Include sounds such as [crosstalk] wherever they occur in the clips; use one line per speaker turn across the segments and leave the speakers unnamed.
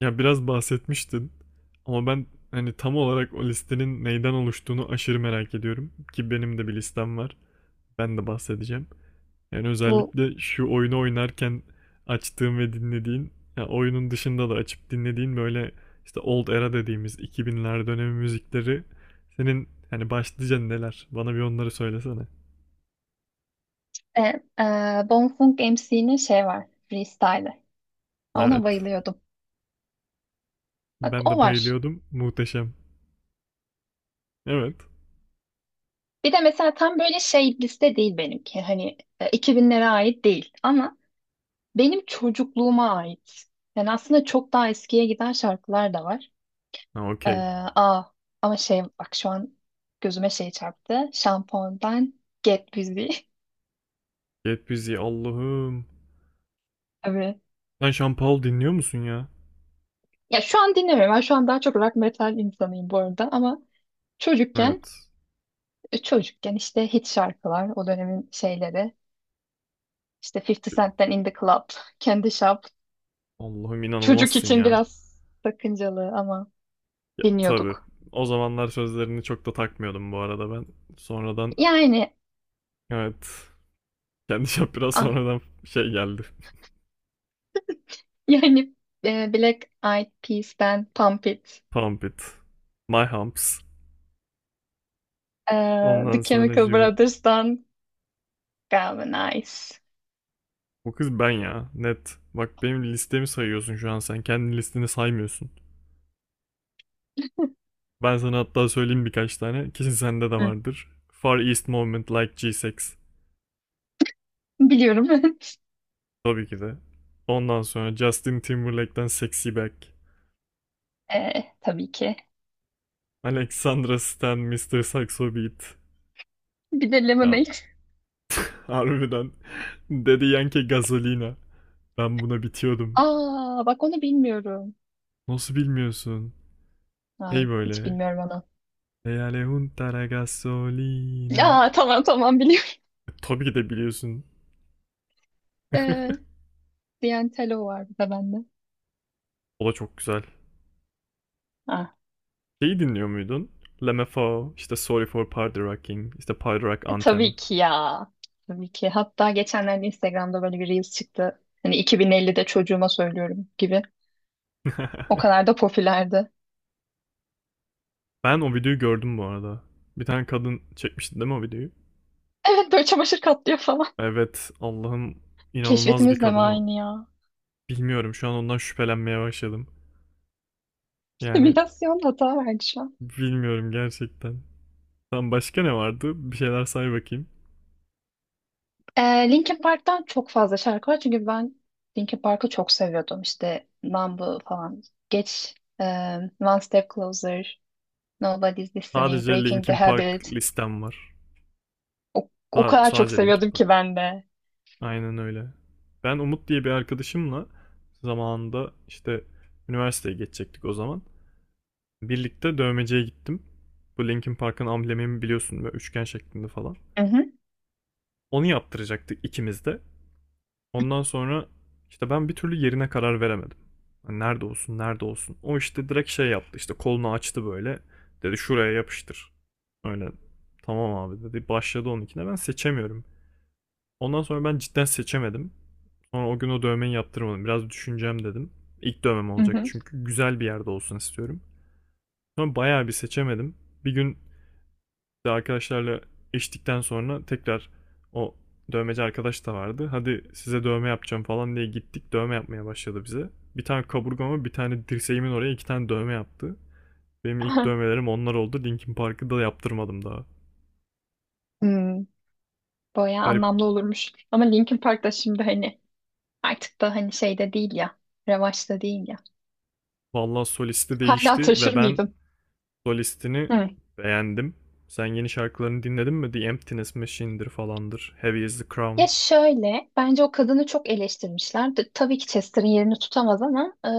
Ya biraz bahsetmiştin ama ben hani tam olarak o listenin neyden oluştuğunu aşırı merak ediyorum ki benim de bir listem var. Ben de bahsedeceğim. Yani
Bu
özellikle şu oyunu oynarken açtığım ve dinlediğin, ya oyunun dışında da açıp dinlediğin böyle işte old era dediğimiz 2000'ler dönemi müzikleri senin hani başlıca neler? Bana bir onları söylesene.
e, e, Bonfunk MC'nin şey var. Freestyle'ı. Ona
Evet.
bayılıyordum. Bak
Ben
o
de
var.
bayılıyordum. Muhteşem. Evet.
Bir de mesela tam böyle şey liste değil benimki. Hani 2000'lere ait değil. Ama benim çocukluğuma ait. Yani aslında çok daha eskiye giden şarkılar da var.
Ha,
E,
okey.
aa, ama şey bak şu an gözüme şey çarptı. Şampondan Get Busy. [laughs]
Get Busy, Allah'ım.
Tabii.
Sen Sean Paul dinliyor musun ya?
Ya şu an dinlemiyorum. Ben şu an daha çok rock metal insanıyım bu arada. Ama çocukken
Evet.
Çocukken işte hit şarkılar, o dönemin şeyleri. İşte 50 Cent'ten In the Club, Candy Shop.
Allah'ım,
Çocuk
inanılmazsın
için
ya.
biraz sakıncalı ama
Ya, tabii.
dinliyorduk.
O zamanlar sözlerini çok da takmıyordum bu arada ben. Sonradan
Yani
evet. Kendi [laughs] şap biraz
ah,
sonradan şey geldi.
[laughs] yani Black Eyed Peas'ten Pump It,
Pump it. My humps.
e, The
Ondan sonra
Chemical
sonracığıma.
Brothers'tan Galvanize.
Bu kız ben ya. Net. Bak, benim listemi sayıyorsun şu an sen. Kendi listeni saymıyorsun. Ben sana hatta söyleyeyim birkaç tane. Kesin sende de
Hı.
vardır. Far East Movement, Like G6.
Biliyorum. [laughs]
Tabii ki de. Ondan sonra Justin Timberlake'den Sexy Back.
Tabii ki.
Alexandra Stan, Mister Saxo Beat.
Bir de
Ya
Lemonade.
[laughs] harbiden. [laughs] Dedi Yankee Gasolina. Ben buna bitiyordum.
Aa bak onu bilmiyorum.
Nasıl bilmiyorsun? Hey
Ay hiç
böyle.
bilmiyorum onu.
Hey Alejunta la Gasolina.
Aa, tamam tamam, biliyorum.
Tabii ki de biliyorsun.
[laughs] E,
[laughs]
Diantelo var bir de bende.
O da çok güzel.
Ah,
Şeyi dinliyor muydun? Lemme Fao, işte Sorry for Party Rocking, işte Party Rock Anthem.
tabii ki ya. Tabii ki. Hatta geçenlerde Instagram'da böyle bir Reels çıktı. Hani 2050'de çocuğuma söylüyorum gibi. O
[laughs]
kadar da popülerdi. [laughs]
Ben o videoyu gördüm bu arada. Bir tane kadın çekmişti değil mi o videoyu?
Evet, böyle çamaşır katlıyor falan.
Evet, Allah'ım, inanılmaz bir
Keşfetimiz de mi
kadın o.
aynı ya?
Bilmiyorum, şu an ondan şüphelenmeye başladım.
[laughs]
Yani
Simülasyon hata verdi şu an.
bilmiyorum gerçekten. Tam başka ne vardı? Bir şeyler say bakayım.
Ee, Linkin Park'tan çok fazla şarkı var. Çünkü ben Linkin Park'ı çok seviyordum. İşte Numb falan. Geç. e, One Step Closer. Nobody's Listening.
Sadece
Breaking the
Linkin Park
Habit.
listem var.
O
Sa-
kadar çok
sadece Linkin
seviyordum
Park.
ki ben de.
Aynen öyle. Ben Umut diye bir arkadaşımla zamanında işte üniversiteye geçecektik o zaman. Birlikte dövmeciye gittim. Bu Linkin Park'ın amblemini biliyorsun, böyle üçgen şeklinde falan.
Hı hı.
Onu yaptıracaktık ikimiz de. Ondan sonra işte ben bir türlü yerine karar veremedim. Hani nerede olsun, nerede olsun. O işte direkt şey yaptı, işte kolunu açtı böyle. Dedi, şuraya yapıştır. Öyle tamam abi dedi. Başladı onunkine. Ben seçemiyorum. Ondan sonra ben cidden seçemedim. Sonra o gün o dövmeyi yaptırmadım. Biraz düşüneceğim dedim. İlk dövmem
Hı
olacak
hı.
çünkü güzel bir yerde olsun istiyorum. Sonra bayağı bir seçemedim. Bir gün işte arkadaşlarla içtikten sonra tekrar o dövmeci arkadaş da vardı. Hadi size dövme yapacağım falan diye gittik. Dövme yapmaya başladı bize. Bir tane kaburgama, bir tane dirseğimin oraya, 2 tane dövme yaptı. Benim ilk
[laughs]
dövmelerim onlar oldu. Linkin Park'ı da yaptırmadım daha.
Hmm, bayağı
Garip.
anlamlı olurmuş. Ama Linkin Park da şimdi hani artık da hani şeyde değil ya. Revaçta değil ya.
Vallahi solisti
Hala
değişti ve
taşır
ben
mıydın?
solistini
Hmm.
beğendim. Sen yeni şarkılarını dinledin mi? The Emptiness Machine'dir falandır. Heavy is the Crown.
Ya şöyle, bence o kadını çok eleştirmişler. Tabii ki Chester'ın yerini tutamaz ama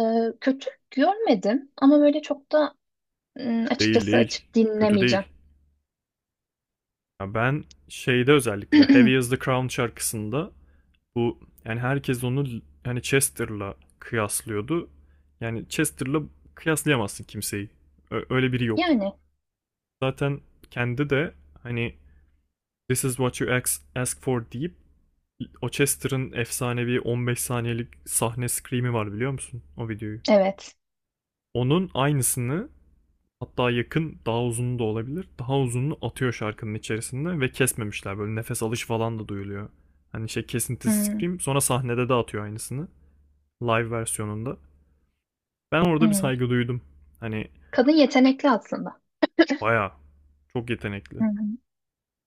kötü görmedim. Ama böyle çok da
Değil
açıkçası
değil.
açıp
Kötü
dinlemeyeceğim.
değil. Ya ben şeyde, özellikle Heavy is
[clears throat]
the Crown şarkısında, bu yani herkes onu yani Chester'la kıyaslıyordu. Yani Chester'la kıyaslayamazsın kimseyi. Öyle biri yok.
Yani
Zaten kendi de hani, This is what you ask, ask for deyip, o Chester'ın efsanevi 15 saniyelik sahne scream'i var, biliyor musun o videoyu?
evet.
Onun aynısını, hatta yakın, daha uzun da olabilir. Daha uzununu atıyor şarkının içerisinde ve kesmemişler, böyle nefes alış falan da duyuluyor. Hani şey, kesintisiz
Hmm,
scream, sonra sahnede de atıyor aynısını, live versiyonunda. Ben orada bir
hmm.
saygı duydum. Hani
Kadın yetenekli aslında.
baya çok
Hı
yetenekli.
hı.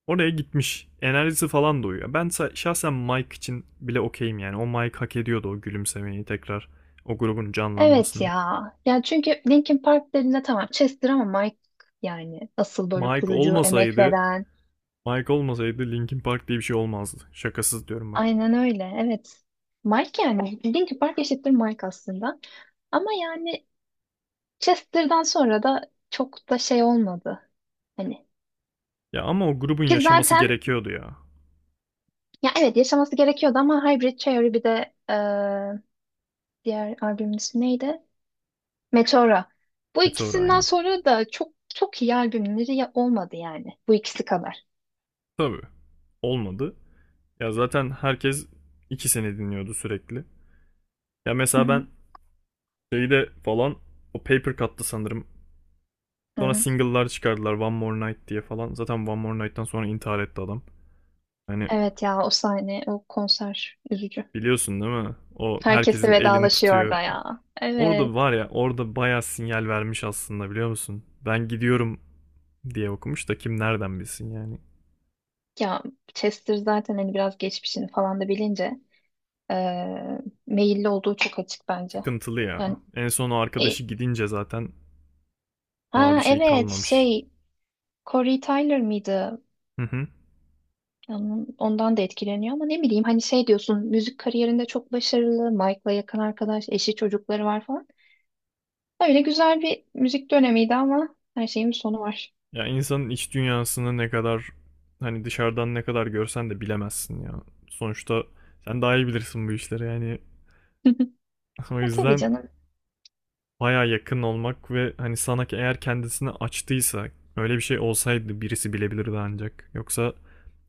Oraya gitmiş. Enerjisi falan da uyuyor. Ben şahsen Mike için bile okeyim yani. O Mike hak ediyordu o gülümsemeyi tekrar. O grubun
Evet
canlanmasını.
ya. Ya çünkü Linkin Park dediğinde tamam Chester ama Mike yani asıl böyle
Mike
kurucu, emek
olmasaydı,
veren.
Mike olmasaydı Linkin Park diye bir şey olmazdı. Şakasız diyorum bak.
Aynen öyle. Evet. Mike yani. Linkin Park eşittir Mike aslında. Ama yani Chester'dan sonra da çok da şey olmadı. Hani
Ya ama o grubun
ki
yaşaması
zaten
gerekiyordu ya.
ya evet yaşaması gerekiyordu ama Hybrid Theory bir de diğer albümün ismi neydi? Meteora. Bu
Meteor
ikisinden
aynen.
sonra da çok çok iyi albümleri olmadı yani. Bu ikisi kadar.
Tabii. Olmadı. Ya zaten herkes ikisini dinliyordu sürekli. Ya
Hı
mesela
hı.
ben şeyde falan, o Paper Cut'tı sanırım.
Hı
Sonra
hı.
single'lar çıkardılar, One More Night diye falan. Zaten One More Night'tan sonra intihar etti adam. Hani
Evet ya, o sahne, o konser üzücü.
biliyorsun değil mi? O
Herkes de
herkesin elini
vedalaşıyor
tutuyor.
orada ya.
Orada
Evet.
var ya, orada bayağı sinyal vermiş aslında, biliyor musun? Ben gidiyorum diye okumuş da kim nereden bilsin yani.
Ya Chester zaten hani biraz geçmişini falan da bilince eee meyilli olduğu çok açık bence.
Sıkıntılı
Yani
ya. En son o
e,
arkadaşı gidince zaten daha bir
ha
şey
evet
kalmamış.
şey Corey Tyler mıydı?
Hı [laughs] hı.
Yani ondan da etkileniyor ama ne bileyim hani şey diyorsun müzik kariyerinde çok başarılı, Mike'la yakın arkadaş, eşi çocukları var falan. Öyle güzel bir müzik dönemiydi ama her şeyin bir sonu var.
Ya insanın iç dünyasını ne kadar, hani dışarıdan ne kadar görsen de bilemezsin ya. Sonuçta sen daha iyi bilirsin bu işleri yani. [laughs]
[laughs]
O
Ya tabii
yüzden
canım.
baya yakın olmak ve hani sana, ki eğer kendisini açtıysa, öyle bir şey olsaydı birisi bilebilirdi ancak. Yoksa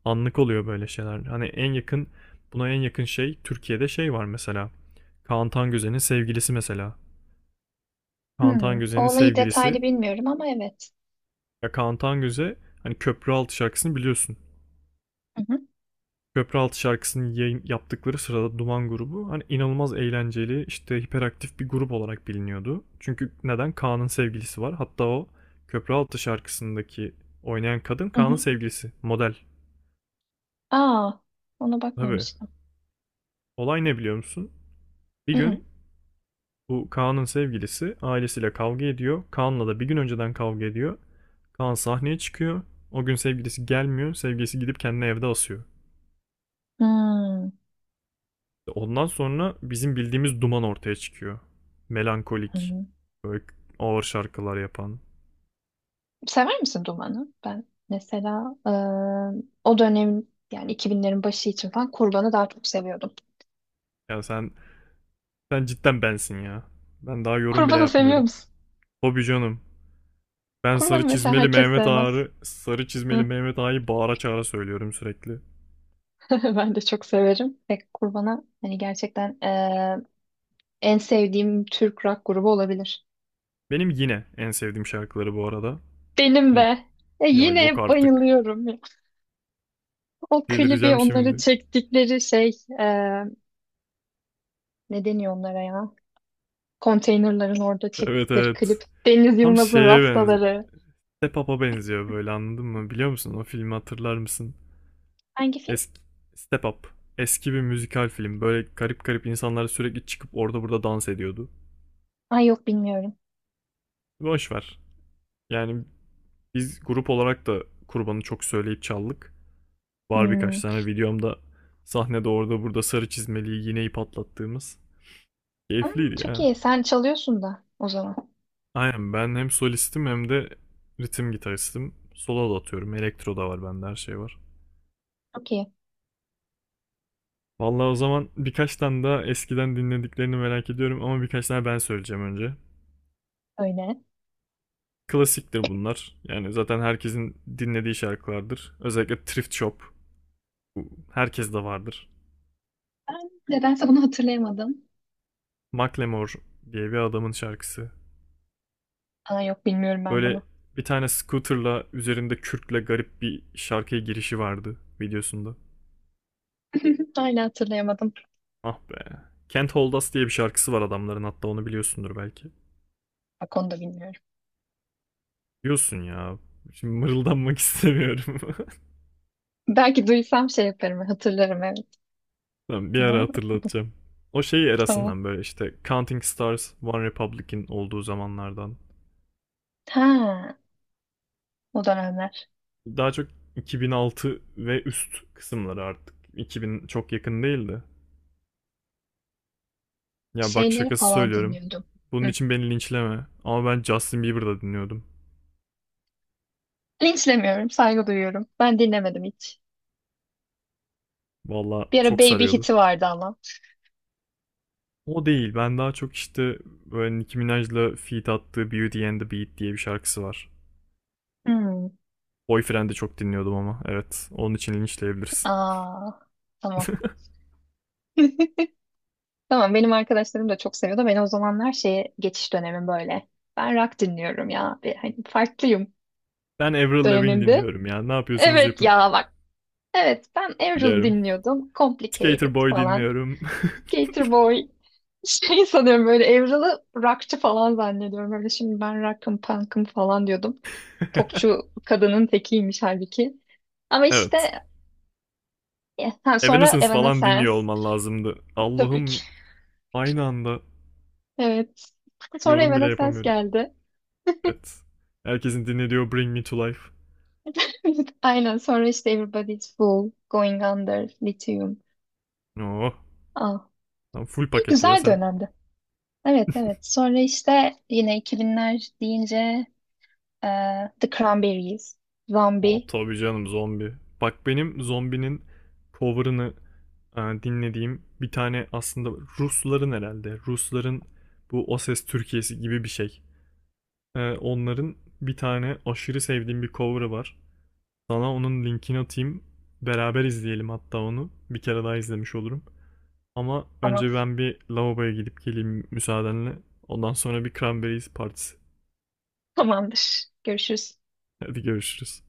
anlık oluyor böyle şeyler. Hani en yakın, buna en yakın şey Türkiye'de şey var mesela. Kaan Tangöze'nin sevgilisi mesela. Kaan
Hmm, o
Tangöze'nin
olayı
sevgilisi,
detaylı bilmiyorum ama evet.
ya Kaan Tangöze hani Köprü Altı şarkısını biliyorsun.
Hı hı.
Köprüaltı şarkısını yayın yaptıkları sırada Duman grubu hani inanılmaz eğlenceli, işte hiperaktif bir grup olarak biliniyordu. Çünkü neden? Kaan'ın sevgilisi var. Hatta o Köprüaltı şarkısındaki oynayan kadın
Hı
Kaan'ın
hı.
sevgilisi. Model.
Aa, ona
Tabii.
bakmamıştım.
Olay ne biliyor musun? Bir
Hı hı.
gün bu Kaan'ın sevgilisi ailesiyle kavga ediyor. Kaan'la da bir gün önceden kavga ediyor. Kaan sahneye çıkıyor. O gün sevgilisi gelmiyor. Sevgilisi gidip kendini evde asıyor.
Hmm,
Ondan sonra bizim bildiğimiz Duman ortaya çıkıyor.
hı
Melankolik,
hı.
böyle ağır şarkılar yapan.
Sever misin Duman'ı? Ben mesela o dönem yani 2000'lerin başı için falan Kurban'ı daha çok seviyordum.
Ya sen cidden bensin ya. Ben daha
[laughs]
yorum bile
Kurban'ı seviyor
yapmıyorum.
musun?
Hobi canım. Ben
Kurban'ı
sarı
mesela
çizmeli
herkes
Mehmet
sevmez.
Ağa'yı, sarı çizmeli
Hı.
Mehmet Ağa'yı bağıra çağıra söylüyorum sürekli.
[laughs] Ben de çok severim. Ve Kurban'a hani gerçekten en sevdiğim Türk rock grubu olabilir.
Benim yine en sevdiğim şarkıları bu arada.
Benim
Hani
be.
ya yok
Yine
artık.
bayılıyorum. O klibi
Delireceğim
onları
şimdi.
çektikleri şey, e, ne deniyor onlara ya? Konteynerların orada
Evet
çektikleri
evet.
klip. Deniz
Tam
Yılmaz'ın
şeye benziyor.
Rastaları.
Step Up'a benziyor böyle, anladın mı? Biliyor musun? O filmi hatırlar mısın?
Hangi film?
Eski Step Up. Eski bir müzikal film. Böyle garip garip insanlar sürekli çıkıp orada burada dans ediyordu.
Ay, yok bilmiyorum.
Boş. Yani biz grup olarak da kurbanı çok söyleyip çaldık. Var
Hmm.
birkaç tane videomda sahnede orada burada sarı çizmeliği iğneyi patlattığımız.
Aa,
Keyifliydi
çok
ya.
iyi. Sen çalıyorsun da o zaman.
Aynen, ben hem solistim hem de ritim gitaristim. Solo da atıyorum. Elektro da var bende, her şey var.
Çok iyi.
Vallahi o zaman birkaç tane daha eskiden dinlediklerini merak ediyorum, ama birkaç tane ben söyleyeceğim önce.
Öyle.
Klasiktir bunlar. Yani zaten herkesin dinlediği şarkılardır. Özellikle Thrift Shop. Herkes de vardır.
Ben nedense bunu hatırlayamadım.
Macklemore diye bir adamın şarkısı.
Aa, yok bilmiyorum ben
Böyle
bunu.
bir tane scooter'la üzerinde kürkle garip bir şarkıya girişi vardı videosunda.
[laughs] Hala hatırlayamadım.
Ah be. Can't Hold Us diye bir şarkısı var adamların, hatta onu biliyorsundur belki.
Bak onu da bilmiyorum.
Biliyorsun ya. Şimdi mırıldanmak istemiyorum. [laughs]
Belki duysam şey yaparım. Hatırlarım, evet.
Tamam, bir ara
Ama bu,
hatırlatacağım. O şeyi
tamam.
erasından, böyle işte Counting Stars, One Republic'in olduğu zamanlardan.
Ha, o dönemler.
Daha çok 2006 ve üst kısımları artık. 2000 çok yakın değildi. Ya bak,
Şeyleri
şakası
falan
söylüyorum.
dinliyordum.
Bunun
Hı.
için beni linçleme. Ama ben Justin Bieber'da dinliyordum.
Linçlemiyorum, saygı duyuyorum. Ben dinlemedim hiç.
Valla
Bir ara
çok
Baby
sarıyordu.
Hit'i vardı ama.
O değil. Ben daha çok işte böyle Nicki Minaj'la feat attığı Beauty and the Beat diye bir şarkısı var.
Hmm.
Boyfriend'i çok dinliyordum ama. Evet. Onun için linçleyebilirsin.
Aa, tamam. [laughs] Tamam, benim arkadaşlarım da çok seviyordu. Ben o zamanlar şeye geçiş dönemim böyle. Ben rock dinliyorum ya. Bir, hani farklıyım
Ben Avril Lavigne
dönemimde.
dinliyorum ya. Ne yapıyorsanız
Evet
yapın.
ya, bak. Evet, ben Avril
Biliyorum.
dinliyordum.
Skater
Complicated
Boy
falan.
dinliyorum.
Gatorboy. Şey sanıyorum böyle Evralı rockçı falan zannediyorum. Öyle şimdi ben rock'ım, punk'ım falan diyordum. Popçu
[laughs]
kadının tekiymiş halbuki. Ama
Evet.
işte ha, sonra
Evanescence falan dinliyor
Evanescence.
olman lazımdı.
Tabii ki.
Allah'ım, aynı anda
Evet. Sonra
yorum bile
Evanescence
yapamıyorum.
geldi.
Evet. Herkesin dinlediği Bring Me To Life.
[laughs] Aynen, sonra işte Everybody's Fool, Going Under, Lithium.
Oh.
Ah,
Lan full
iyi
paket ya
güzel
sen.
dönemdi. Evet, evet. Sonra işte yine 2000'ler deyince The Cranberries,
Oh
Zombie.
tabii canım, zombi. Bak benim zombinin cover'ını dinlediğim bir tane aslında Rusların herhalde. Rusların bu O Ses Türkiye'si gibi bir şey. Onların bir tane aşırı sevdiğim bir cover'ı var. Sana onun linkini atayım. Beraber izleyelim hatta onu. Bir kere daha izlemiş olurum. Ama
Ama
önce ben bir lavaboya gidip geleyim müsaadenle. Ondan sonra bir cranberries partisi.
Tamamdır. Görüşürüz.
Hadi görüşürüz.